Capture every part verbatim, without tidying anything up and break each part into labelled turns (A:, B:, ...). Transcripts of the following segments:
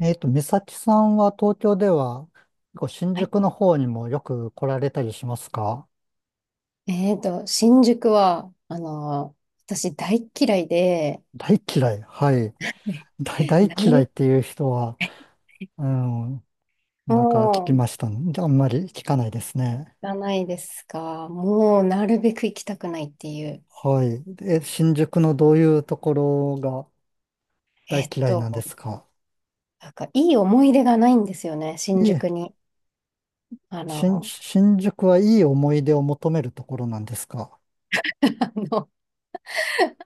A: えっと、美咲さんは東京では、結構新
B: はい。
A: 宿の方にもよく来られたりしますか？
B: えっと、新宿は、あの私大嫌いで、
A: 大嫌い。はい。
B: ね
A: 大、大嫌いっ
B: 誰
A: ていう人は、うん、なんか聞き
B: も行
A: ましたんで。あんまり聞かないですね。
B: かないですが、もうなるべく行きたくないっていう、
A: はい。え、新宿のどういうところが
B: え
A: 大
B: っ
A: 嫌いな
B: と、
A: んですか？
B: なんかいい思い出がないんですよね、新
A: い
B: 宿
A: え、
B: に。あ
A: 新、
B: の、
A: 新宿はいい思い出を求めるところなんですか？
B: あの、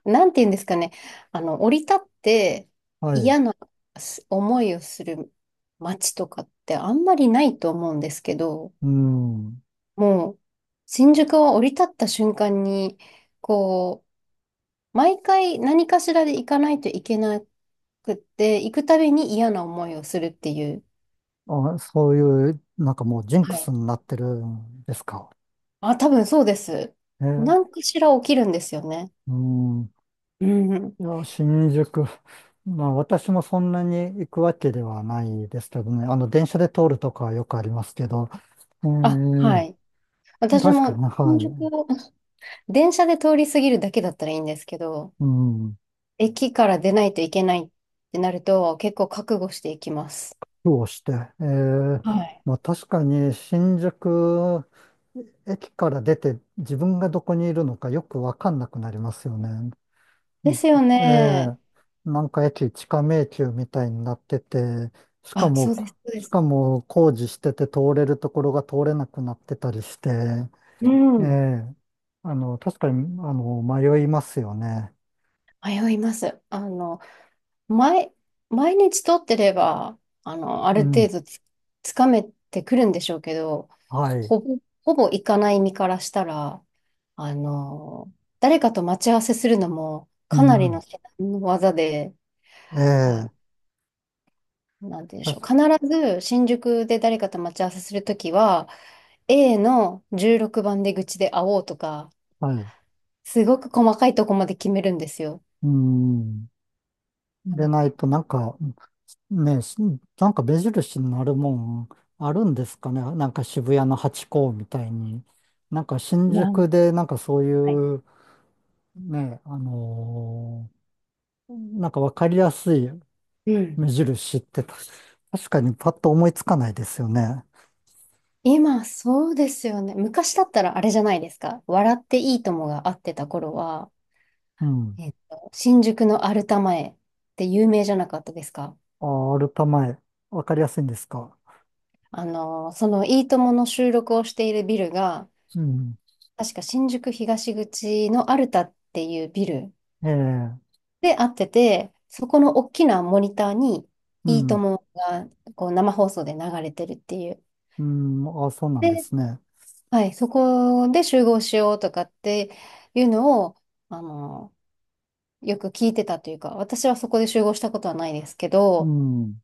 B: なんて言うんですかね、あの、降り立って
A: はい。
B: 嫌なす思いをする街とかってあんまりないと思うんですけど、
A: うん。
B: もう、新宿は降り立った瞬間に、こう、毎回何かしらで行かないといけなくって、行くたびに嫌な思いをするっていう。
A: あ、そういう、なんかもうジン
B: は
A: クス
B: い。
A: になってるんですか？
B: あ、多分そうです。何
A: え、
B: かしら起きるんですよね。
A: うん。
B: うん。
A: いや、新宿。まあ、私もそんなに行くわけではないですけどね。あの、電車で通るとかはよくありますけど。え
B: あ、は
A: ー、
B: い。私
A: 確か
B: も
A: に、は
B: 新宿を電車で通り過ぎるだけだったらいいんですけど、
A: い。うん。
B: 駅から出ないといけないってなると結構覚悟していきます。
A: 苦労して。え
B: は
A: ー、
B: い。
A: まあ、確かに、新宿駅から出て、自分がどこにいるのかよくわかんなくなりますよね。う
B: で
A: ん、
B: すよね。
A: ええ、なんか駅地下迷宮みたいになってて、しか
B: あ、
A: も、
B: そう
A: こ
B: です、そうで
A: し
B: す。
A: かも工事してて通れるところが通れなくなってたりして、
B: う
A: え
B: ん。
A: え、あの、確かに、あの、迷いますよね。
B: 迷います。あの、毎、毎日撮ってれば、あの、あ
A: う
B: る程
A: ん、
B: 度つ、つかめてくるんでしょうけど、
A: はい。
B: ほぼ、ほぼ行かない身からしたら、あの、誰かと待ち合わせするのも、
A: う
B: かなりの
A: ん、
B: 至難の技で、
A: え
B: あ、
A: え、
B: なんて言うんでし
A: 確
B: ょう。
A: か
B: 必ず新宿で誰かと待ち合わせするときは、A のじゅうろくばん出口で会おうとか、
A: はい。
B: すごく細かいとこまで決めるんですよ。
A: うん。で
B: う
A: ないと、なんか、ね、しなんか目印になるもんあるんですかね。なんか渋谷のハチ公みたいに。なんか新
B: ん。
A: 宿で、なんかそう
B: はい。
A: いう、ね、あのーなんかわかりやすい
B: うん。
A: 目印ってた確かにパッと思いつかないですよね。
B: 今、そうですよね。昔だったらあれじゃないですか。笑っていいともが会ってた頃は、
A: うん。
B: えっと、新宿のアルタ前って有名じゃなかったですか？
A: あ、アルタ前、わかりやすいんですか。
B: あの、そのいいともの収録をしているビルが、
A: うん。
B: 確か新宿東口のアルタっていうビル
A: ええ、
B: で会ってて、そこの大きなモニターに
A: う
B: いいと
A: ん。
B: もがこう生放送で流れてるっていう。
A: うん。あ、そうなんで
B: で、
A: すね。
B: はい、そこで集合しようとかっていうのを、あの、よく聞いてたというか、私はそこで集合したことはないですけ
A: う
B: ど、
A: ん。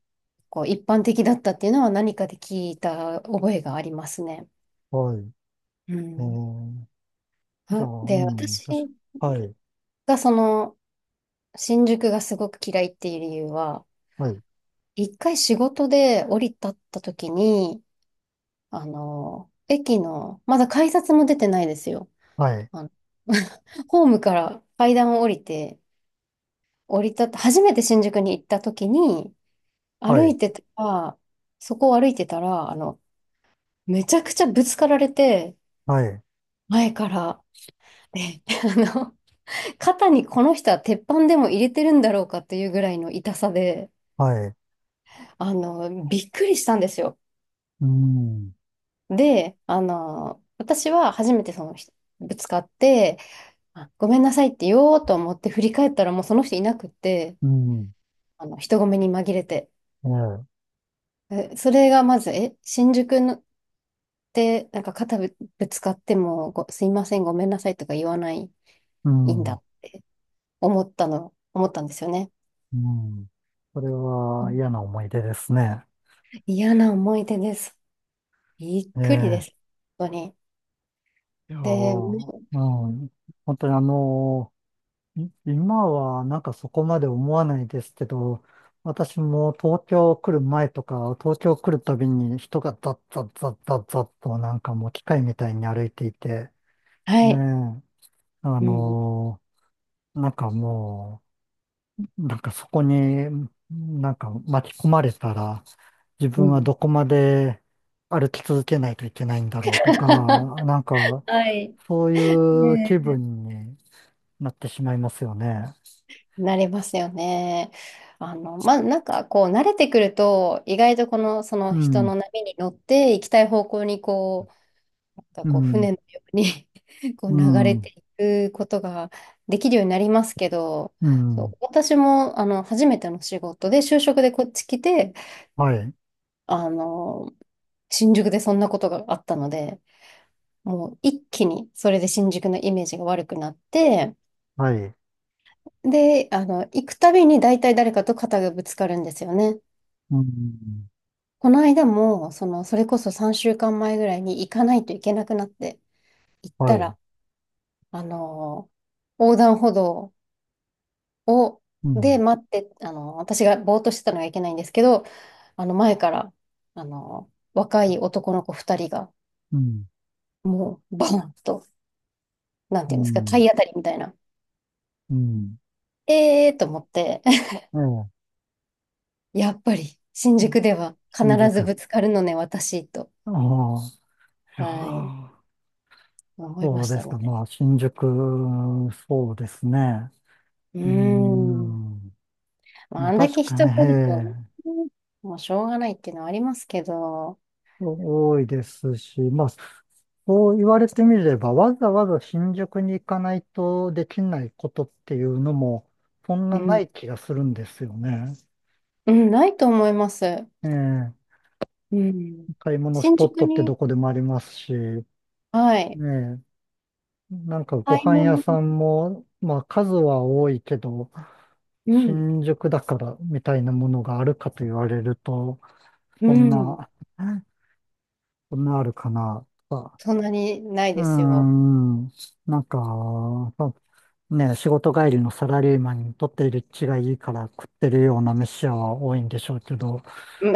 B: こう一般的だったっていうのは何かで聞いた覚えがありますね。
A: はい。
B: う
A: え
B: ん。
A: え、じゃあ、
B: は
A: う
B: で、
A: ん。
B: 私
A: 確か、はい。
B: がその新宿がすごく嫌いっていう理由は、
A: はい。
B: 一回仕事で降り立った時に、あの、駅の、まだ改札も出てないですよ。
A: はい。
B: あの ホームから階段を降りて、降り立った、初めて新宿に行った時に、
A: は
B: 歩
A: い。
B: いてたら、そこを歩いてたら、あの、めちゃくちゃぶつかられて、
A: はい。
B: 前から。で、あの、肩にこの人は鉄板でも入れてるんだろうかっていうぐらいの痛さで、
A: はい。
B: あの、びっくりしたんですよ。
A: うん。
B: で、あの、私は初めてその人、ぶつかって、あごめんなさいって言おうと思って振り返ったらもうその人いなくって、
A: うん。
B: あの、人混みに紛れて。
A: ええ、
B: えそれがまず、え、新宿のって、なんか肩ぶ、ぶつかってもご、すいません、ごめんなさいとか言わない、い
A: う
B: いん
A: ん。う
B: だ、思ったの、思ったんですよね。
A: ん。これは嫌な思い出ですね。
B: 嫌な思い出です。びっ
A: え
B: くりです。
A: え。
B: 本当に。
A: いやー、
B: で、
A: うん。本当にあのーい今はなんかそこまで思わないですけど、私も東京来る前とか、東京来るたびに人がザッザッザッザッザッとなんかもう機械みたいに歩いていて、
B: は
A: ねえ、
B: い。
A: あ
B: うん。
A: のーなんかもう、なんかそこになんか巻き込まれたら自
B: う
A: 分は
B: ん。
A: どこまで歩き続けないといけないんだろうとか、なん か
B: はい。
A: そういう気
B: ね
A: 分になってしまいますよね。
B: えなりますよね。あの、まあ、なんかこう、慣れてくると、意外とこの、その
A: う
B: 人
A: ん、
B: の波に乗って行きたい方向にこう、なんか
A: う
B: こう、
A: ん、
B: 船のように こ
A: う
B: う流れ
A: ん、
B: ていくことができるようになりますけど、
A: う
B: そ
A: ん、
B: う、私も、あの、初めての仕事で、就職でこっち来て、
A: はい、
B: あの、新宿でそんなことがあったので、もう一気にそれで新宿のイメージが悪くなって、
A: はい、
B: で、あの、行くたびに大体誰かと肩がぶつかるんですよね。
A: うん、
B: この間も、その、それこそさんしゅうかんまえぐらいに行かないといけなくなって行った
A: はい、
B: ら、あの、横断歩道を、
A: う
B: で
A: ん、
B: 待って、あの、私がぼーっとしてたのがいけないんですけど、あの、前から、あの、若い男の子ふたりが、
A: うん、
B: もう、バーンと、なん
A: う
B: ていうんですか、
A: ん、
B: 体当たりみたいな。
A: うん、
B: ええーと思って、
A: え
B: やっぱり新
A: え、
B: 宿では必
A: 新宿。
B: ず
A: あ
B: ぶつかるのね、私と、
A: あ、いや
B: はい、
A: あ、
B: 思いま
A: そう
B: し
A: で
B: た
A: す
B: ね。
A: か。まあ、新宿、そうですね。
B: うー
A: うー
B: ん。
A: ん。
B: まあ、
A: ま
B: あ
A: あ
B: んだ
A: 確
B: け
A: かに
B: 人
A: ね、
B: がいるとね、
A: ええ、
B: もうしょうがないっていうのはありますけど、
A: 多いですし、まあ、そう言われてみれば、わざわざ新宿に行かないとできないことっていうのも、そん
B: う
A: なな
B: ん、
A: い気がするんですよね。
B: うん、ないと思います。
A: ええ、
B: うん。
A: 買い物ス
B: 新
A: ポッ
B: 宿
A: トって
B: に、
A: どこでもありますし、ね。
B: はい、
A: えなんかご
B: 買い
A: 飯屋
B: 物、
A: さんも、まあ数は多いけど、
B: うん、
A: 新宿だからみたいなものがあるかと言われると、
B: う
A: そん
B: ん、
A: な、そんなあるかな。とか。
B: そんなにない
A: うー
B: ですよ。
A: ん。なんか、そうね、仕事帰りのサラリーマンにとっている血がいいから食ってるような飯屋は多いんでしょうけど、
B: う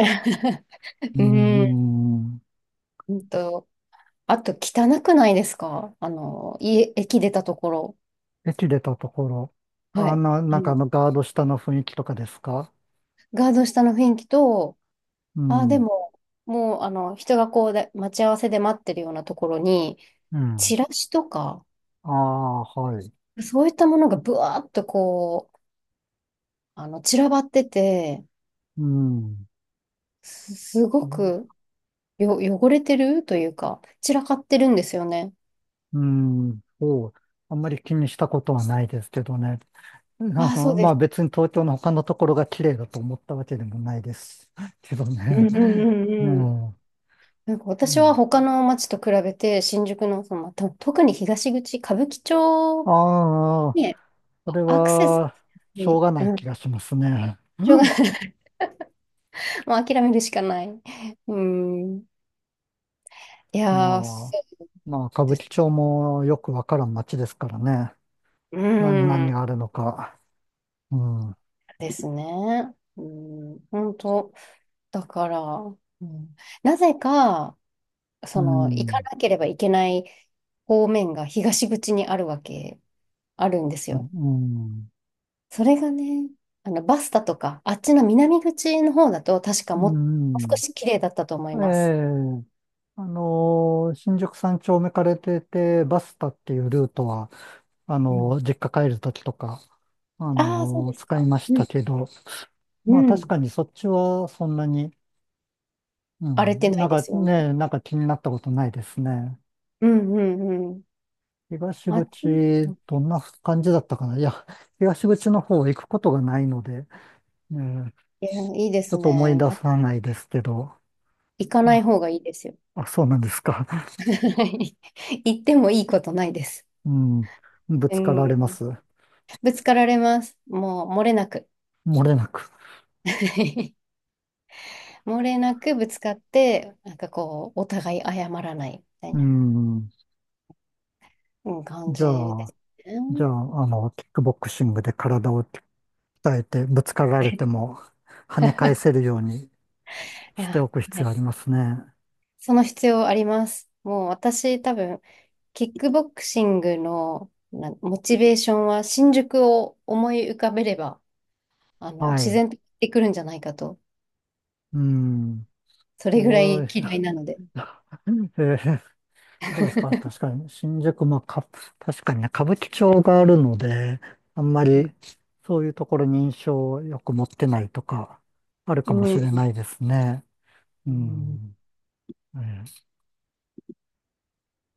A: うー
B: ん、うん
A: ん。
B: うんと、あと汚くないですか？あの、家、駅出たところ。
A: 駅出たところ、
B: は
A: あ
B: い。
A: の、
B: あ
A: なんかあ
B: の、
A: のガード下の雰囲気とかですか？
B: ガード下の雰囲気と、
A: う
B: ああ、で
A: ん。
B: も、もう、あの、人がこうで、待ち合わせで待ってるようなところに、
A: うん。
B: チラシとか、
A: ああ、はい。
B: そういったものがブワーっとこう、あの、散らばってて、
A: うん。
B: す、すごくよ、汚れてるというか、散らかってるんですよね。
A: うん。そう。あんまり気にしたことはないですけどね。あ
B: ああ、そ
A: の、
B: うで
A: まあ
B: す。
A: 別に東京の他のところが綺麗だと思ったわけでもないです けど
B: うん
A: ね。
B: うん
A: う
B: うんうん。
A: ん。
B: なんか
A: う
B: 私は
A: ん、
B: 他の街と比べて、新宿の、その、と特に東口、歌舞伎町
A: ああ、
B: に
A: それ
B: アクセスし
A: は、
B: やす
A: しょう
B: い、
A: がない
B: う
A: 気
B: ん、
A: がしますね。
B: 場
A: う
B: が
A: ん。
B: もう諦めるしかない。うん。いやー、
A: まあ、
B: そう
A: まあ歌
B: で
A: 舞
B: す。
A: 伎町もよくわからん街ですからね。
B: う
A: 何、何が
B: ん。
A: あるのか。うん。うん。
B: ですね。うん。本当。だから、うん、なぜか、
A: う
B: その、行か
A: ん。
B: なければいけない方面が東口にあるわけ、あるんです
A: う
B: よ。
A: ん。
B: それがね、あの、バスタとか、あっちの南口の方だと、確か
A: う
B: もう少
A: ん。
B: し綺麗だったと思い
A: え
B: ます。
A: え、あのーしんじゅくさんちょうめから出て、バスタっていうルートは、あ
B: う
A: の
B: ん。
A: ー実家帰るときとか、あ
B: ああ、そう
A: の
B: で
A: ー
B: す
A: 使い
B: か。
A: まし
B: う
A: た
B: ん。
A: けど、
B: う
A: まあ確
B: ん。
A: かにそっちはそんなに、う
B: 荒れて
A: ん、
B: な
A: なん
B: いで
A: か
B: すよね。
A: ね、なんか気になったことないですね。
B: うんうんうん。
A: 東
B: あっち、
A: 口、どんな感じだったかな。いや、東口の方行くことがないので、ね、
B: いや、いいで
A: ちょ
B: す
A: っと思い
B: ね。
A: 出さないですけど、
B: 行か
A: う
B: な
A: ん。
B: い方がいいですよ。
A: あ、そうなんですか。
B: 行ってもいいことないです。
A: うん、ぶ
B: う
A: つかられ
B: ん、
A: ます。
B: ぶつかられます。もう漏れなく。
A: 漏れなく。
B: 漏れなくぶつかって、なんかこう、お互い謝らないみたい
A: う
B: な、
A: ん。
B: うん、感
A: じ
B: じ
A: ゃ
B: で
A: あ、
B: す
A: じゃ
B: ね。
A: あ、あの、キックボクシングで体を鍛えて、ぶつかられて も跳ね返せるように
B: い
A: して
B: や、
A: おく
B: は
A: 必要
B: い。
A: ありますね。
B: その必要あります。もう私多分、キックボクシングのなモチベーションは新宿を思い浮かべれば、あの、
A: は
B: 自
A: い。
B: 然と行ってくるんじゃないかと、
A: うん。
B: それぐら
A: そう、
B: い嫌いなので。
A: えーそうですか。確かに、新宿、まあ、か、確かにね、歌舞伎町があるので、あんま
B: う
A: りそういうところに印象をよく持ってないとか、あるかもしれ
B: ん。
A: ないですね。う
B: うん
A: ん。えー